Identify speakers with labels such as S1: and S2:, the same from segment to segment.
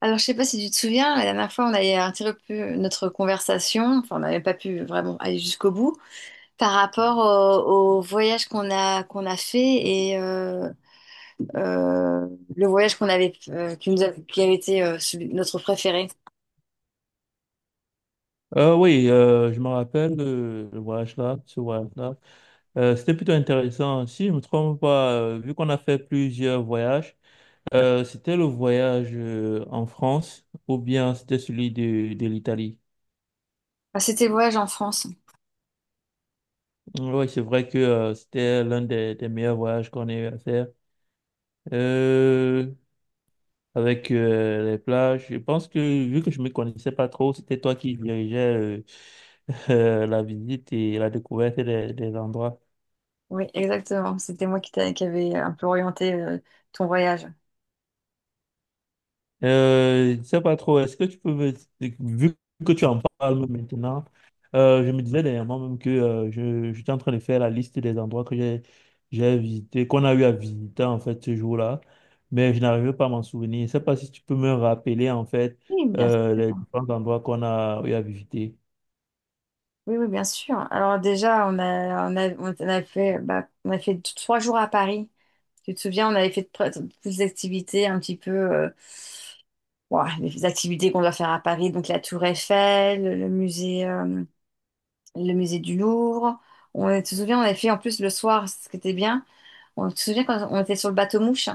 S1: Alors, je sais pas si tu te souviens, la dernière fois, on avait interrompu notre conversation, enfin, on n'avait pas pu vraiment aller jusqu'au bout, par rapport au voyage qu'on a fait et euh, le voyage qu'on avait, qui avait été notre préféré.
S2: Oui, je me rappelle de le voyage-là, ce voyage-là. C'était plutôt intéressant. Si je ne me trompe pas, vu qu'on a fait plusieurs voyages, c'était le voyage en France ou bien c'était celui de l'Italie.
S1: Ah, c'était le voyage en France.
S2: Oui, c'est vrai que c'était l'un des meilleurs voyages qu'on ait eu à faire. Euh, avec les plages, je pense que vu que je me connaissais pas trop, c'était toi qui dirigeais euh, la visite et la découverte des endroits.
S1: Oui, exactement. C'était moi qui avait un peu orienté ton voyage.
S2: Je sais pas trop, est-ce que tu peux me... Vu que tu en parles maintenant, je me disais dernièrement même que j'étais en train de faire la liste des endroits que j'ai visité, qu'on a eu à visiter en fait ce jour-là, mais je n'arrivais pas à m'en souvenir. Je sais pas si tu peux me rappeler en fait
S1: Oui, bien sûr.
S2: les différents endroits qu'on a eu à visiter.
S1: Oui, oui, bien sûr. Alors déjà, on a fait, bah, on a fait trois jours à Paris. Tu te souviens, on avait fait toutes les activités un petit peu, ouah, les activités qu'on doit faire à Paris, donc la Tour Eiffel, le musée du Louvre. On, tu te souviens, on avait fait en plus le soir, ce qui était bien. On, tu te souviens quand on était sur le bateau mouche?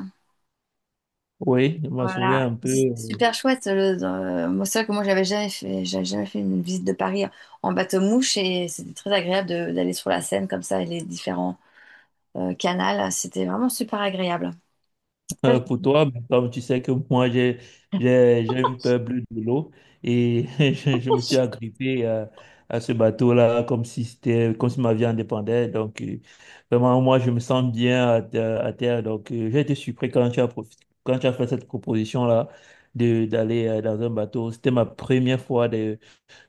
S2: Oui, je me
S1: Voilà,
S2: souviens un peu.
S1: c'était super chouette. Le, moi, c'est vrai que moi, j'avais jamais fait une visite de Paris en bateau mouche et c'était très agréable d'aller sur la Seine comme ça et les différents Canal. C'était vraiment super agréable. Après, je-
S2: Pour toi, mais comme tu sais que moi, j'ai une peur bleue de l'eau et je me suis agrippé à ce bateau-là comme si c'était, comme si ma vie en dépendait. Donc, vraiment, moi, je me sens bien à terre. Donc, j'ai été surpris quand quand tu as fait cette proposition-là d'aller dans un bateau. C'était ma première fois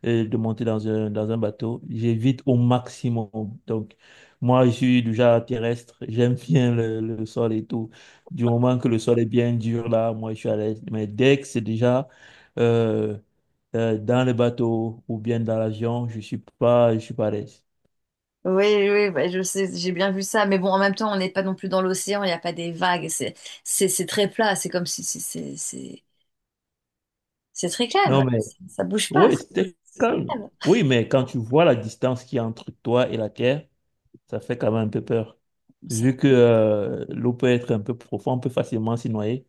S2: et de monter dans un bateau. J'évite au maximum. Donc, moi, je suis du genre terrestre. J'aime bien le sol et tout. Du moment que le sol est bien dur, là, moi, je suis à l'aise. Mais dès que c'est déjà euh, dans le bateau ou bien dans l'avion, je suis pas à l'aise.
S1: Oui, oui, ouais, je sais, j'ai bien vu ça. Mais bon, en même temps, on n'est pas non plus dans l'océan, il n'y a pas des vagues. C'est très plat. C'est comme c'est très calme.
S2: Non, mais
S1: Ça bouge pas.
S2: oui, c'était
S1: C'est
S2: calme.
S1: calme.
S2: Oui, mais quand tu vois la distance qu'il y a entre toi et la terre, ça fait quand même un peu peur.
S1: Bon, ça-
S2: Vu que l'eau peut être un peu profonde, on peut facilement s'y noyer.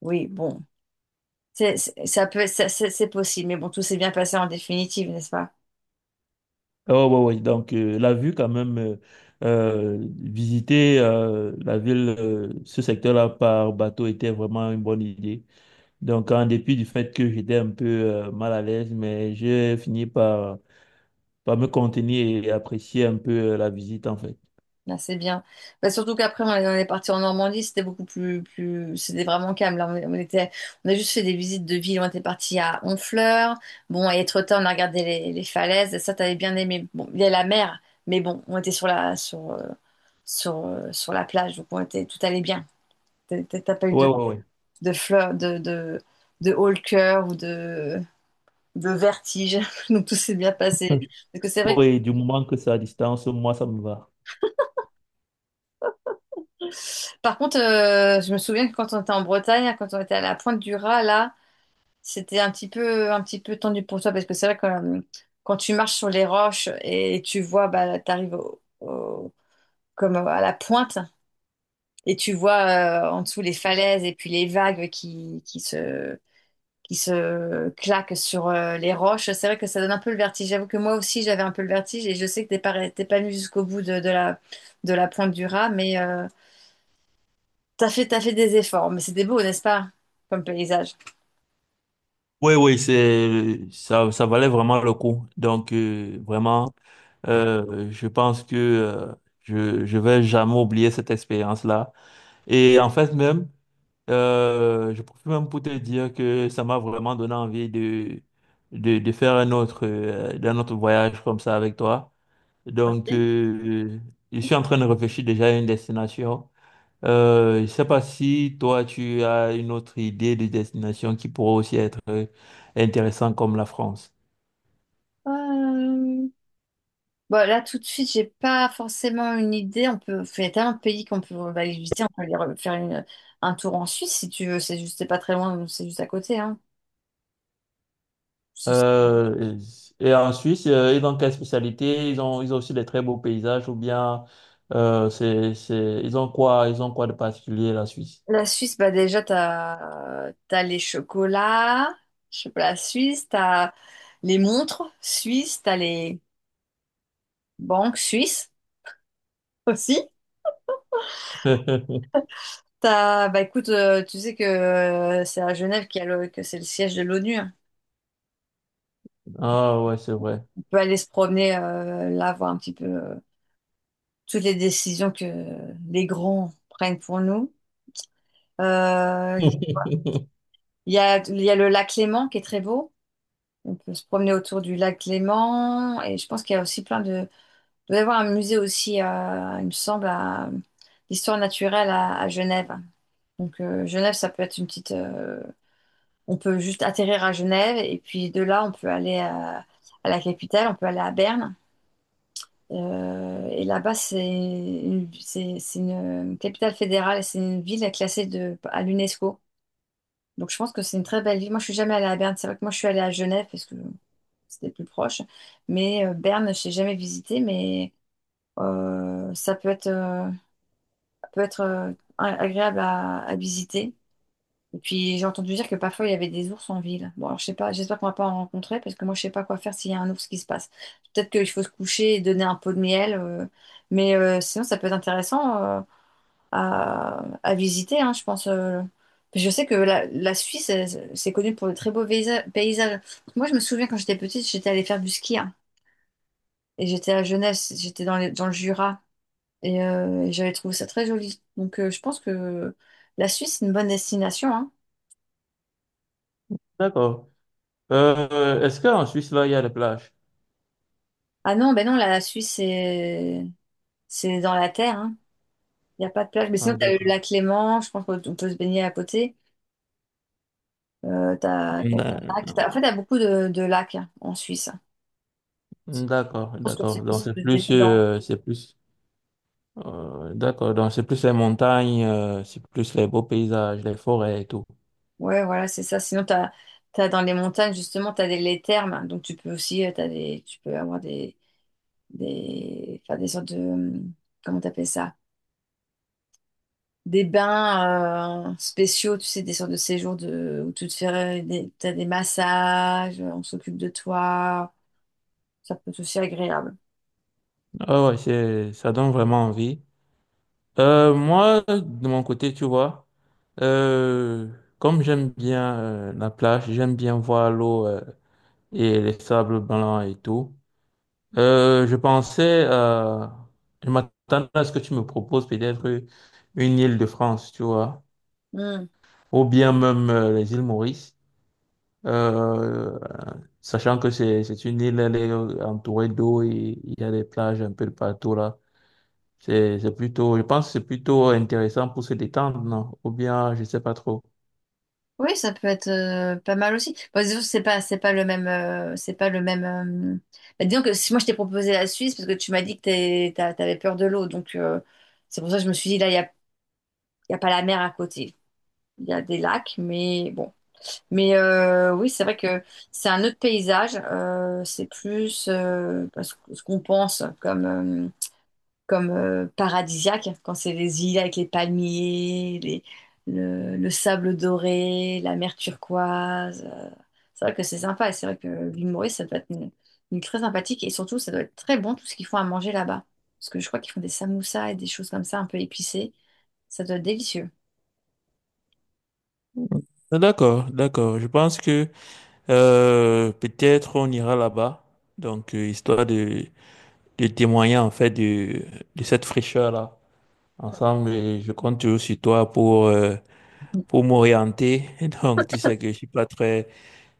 S1: Oui, bon. C'est c'est possible. Mais bon, tout s'est bien passé en définitive, n'est-ce pas?
S2: Oh, ouais, ouais. Donc, la vue, quand même, visiter la ville, ce secteur-là par bateau était vraiment une bonne idée. Donc, en dépit du fait que j'étais un peu mal à l'aise, mais j'ai fini par me contenir et apprécier un peu la visite, en fait.
S1: Ah, c'est bien. Bah, surtout qu'après, on est parti en Normandie, c'était beaucoup c'était vraiment calme. Là, on était, on a juste fait des visites de ville. On était parti à Honfleur. Bon, à Étretat, on a regardé les falaises. Ça, t'avais bien aimé. Bon, il y a la mer, mais bon, on était sur la plage, donc on était, tout allait bien. T'as pas eu
S2: Ouais, ouais,
S1: de fleurs, de haut le cœur ou de vertige. Donc tout s'est bien passé.
S2: ouais.
S1: Parce que c'est vrai que
S2: Oui, du moment que c'est à distance, moi, ça me va.
S1: Par contre, je me souviens que quand on était en Bretagne, quand on était à la Pointe du Raz, là, c'était un petit peu tendu pour toi parce que c'est vrai que quand tu marches sur les roches et tu vois, bah, comme à la pointe et tu vois en dessous les falaises et puis les vagues qui se claquent sur les roches. C'est vrai que ça donne un peu le vertige. J'avoue que moi aussi, j'avais un peu le vertige et je sais que t'es pas venu jusqu'au bout de la Pointe du Raz, mais t'as fait des efforts, mais c'était beau, n'est-ce pas? Comme paysage.
S2: Oui, oui, c'est, ça valait vraiment le coup. Donc, vraiment. Je pense que je vais jamais oublier cette expérience-là. Et en fait même, je profite même pour te dire que ça m'a vraiment donné envie de faire un autre d'un autre voyage comme ça avec toi. Donc je suis en train de réfléchir déjà à une destination. Je sais pas si toi tu as une autre idée de destination qui pourrait aussi être intéressante comme la France.
S1: Euh, Bon, là, tout de suite, j'ai pas forcément une idée. On peut, il y a tellement de pays qu'on peut aller visiter. On peut aller faire un tour en Suisse si tu veux. C'est juste, c'est pas très loin, c'est juste à côté, hein. Si-
S2: Euh, et en Suisse, ils ont quelle spécialité? Ils ont aussi des très beaux paysages ou bien ils ont quoi de particulier, la Suisse?
S1: La Suisse, bah déjà, t'as les chocolats, chocolat suisse, t'as les montres suisses, t'as les banques suisses aussi. T'as, bah écoute, tu sais que c'est à Genève qu'il y a le- que c'est le siège de l'ONU, hein.
S2: Ah ouais, c'est vrai.
S1: Peut aller se promener là, voir un petit peu toutes les décisions que les grands prennent pour nous. Euh, Il y a le lac Léman qui est très beau. On peut se promener autour du lac Léman. Et je pense qu'il y a aussi plein de... Il doit y avoir un musée aussi, il me semble, d'histoire naturelle à Genève. Donc Genève, ça peut être une petite... On peut juste atterrir à Genève et puis de là, on peut aller à la capitale, on peut aller à Berne. Et là-bas, c'est une capitale fédérale, c'est une ville classée de, à l'UNESCO. Donc je pense que c'est une très belle ville. Moi, je suis jamais allée à Berne. C'est vrai que moi, je suis allée à Genève parce que c'était plus proche. Mais Berne, je n'ai jamais visité, mais ça peut être, peut être euh, agréable à visiter. Et puis j'ai entendu dire que parfois il y avait des ours en ville. Bon, alors je sais pas, j'espère qu'on va pas en rencontrer parce que moi je sais pas quoi faire s'il y a un ours qui se passe. Peut-être qu'il faut se coucher et donner un pot de miel, mais sinon ça peut être intéressant à visiter, hein, je pense. Je sais que la Suisse, elle, c'est connu pour de très beaux paysages. Moi je me souviens quand j'étais petite, j'étais allée faire du ski, hein, et j'étais à Genève, dans le Jura et, j'avais trouvé ça très joli. Donc je pense que la Suisse, c'est une bonne destination, hein.
S2: D'accord. Est-ce qu'en Suisse, là, il y a des plages?
S1: Ah non, ben non, la Suisse, c'est dans la terre, hein. Il n'y a pas de plage. Mais sinon,
S2: Ah,
S1: t'as le
S2: d'accord.
S1: lac Léman, je pense qu'on peut se baigner à côté. T'as plein de lacs.
S2: Non.
S1: En fait, t'as beaucoup de lacs, hein, en Suisse. Je
S2: D'accord,
S1: pense que c'est
S2: d'accord. Donc
S1: possible
S2: c'est
S1: de se baigner
S2: plus,
S1: dans...
S2: d'accord. Donc c'est plus les montagnes, c'est plus les beaux paysages, les forêts et tout.
S1: Ouais, voilà, c'est ça. Sinon, t'as, t'as dans les montagnes, justement, les thermes, hein. Donc, tu peux aussi, tu peux avoir faire des sortes de... Comment t'appelles ça? Des bains spéciaux, tu sais, des sortes de séjours de, où tu te fais t'as des massages, on s'occupe de toi. Ça peut être aussi agréable.
S2: Ah ouais, c'est, ça donne vraiment envie. Moi, de mon côté, tu vois, euh, comme j'aime bien la plage, j'aime bien voir l'eau et les sables blancs et tout, euh, je pensais, euh, je m'attendais à ce que tu me proposes peut-être une île de France, tu vois,
S1: Hmm.
S2: ou bien même les îles Maurice, euh, sachant que c'est une île, elle est entourée d'eau et il y a des plages un peu de partout là. C'est plutôt, je pense que c'est plutôt intéressant pour se détendre, non? Ou bien, je sais pas trop.
S1: Oui, ça peut être pas mal aussi. Bon, disons, que c'est pas le même, bah, disons que si moi je t'ai proposé la Suisse parce que tu m'as dit t'avais peur de l'eau, donc c'est pour ça que je me suis dit là, il y a pas la mer à côté. Il y a des lacs, mais bon. Mais oui, c'est vrai que c'est un autre paysage. C'est plus bah, ce qu'on pense comme, paradisiaque, quand c'est les îles avec les palmiers, le sable doré, la mer turquoise. C'est vrai que c'est sympa. Et c'est vrai que l'île Maurice, ça doit être une île très sympathique. Et surtout, ça doit être très bon tout ce qu'ils font à manger là-bas. Parce que je crois qu'ils font des samoussas et des choses comme ça un peu épicées. Ça doit être délicieux.
S2: Ah, d'accord, d'accord. Je pense que peut-être on ira là-bas, histoire de témoigner en fait de cette fraîcheur-là ensemble. Et je compte toujours sur toi pour m'orienter. Donc tu sais que je suis pas très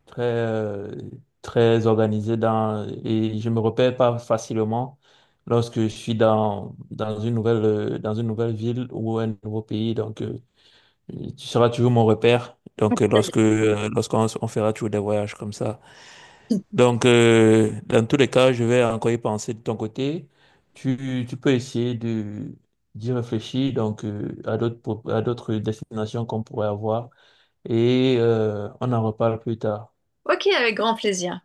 S2: très, euh, très organisé et je me repère pas facilement lorsque je suis dans une dans une nouvelle ville ou un nouveau pays. Donc, tu seras toujours mon repère. Donc, lorsqu'on on fera toujours des voyages comme ça. Donc, dans tous les cas, je vais encore y penser de ton côté. Tu peux essayer d'y réfléchir, donc, à d'autres, à d'autres destinations qu'on pourrait avoir et, on en reparle plus tard.
S1: Ok, avec grand plaisir.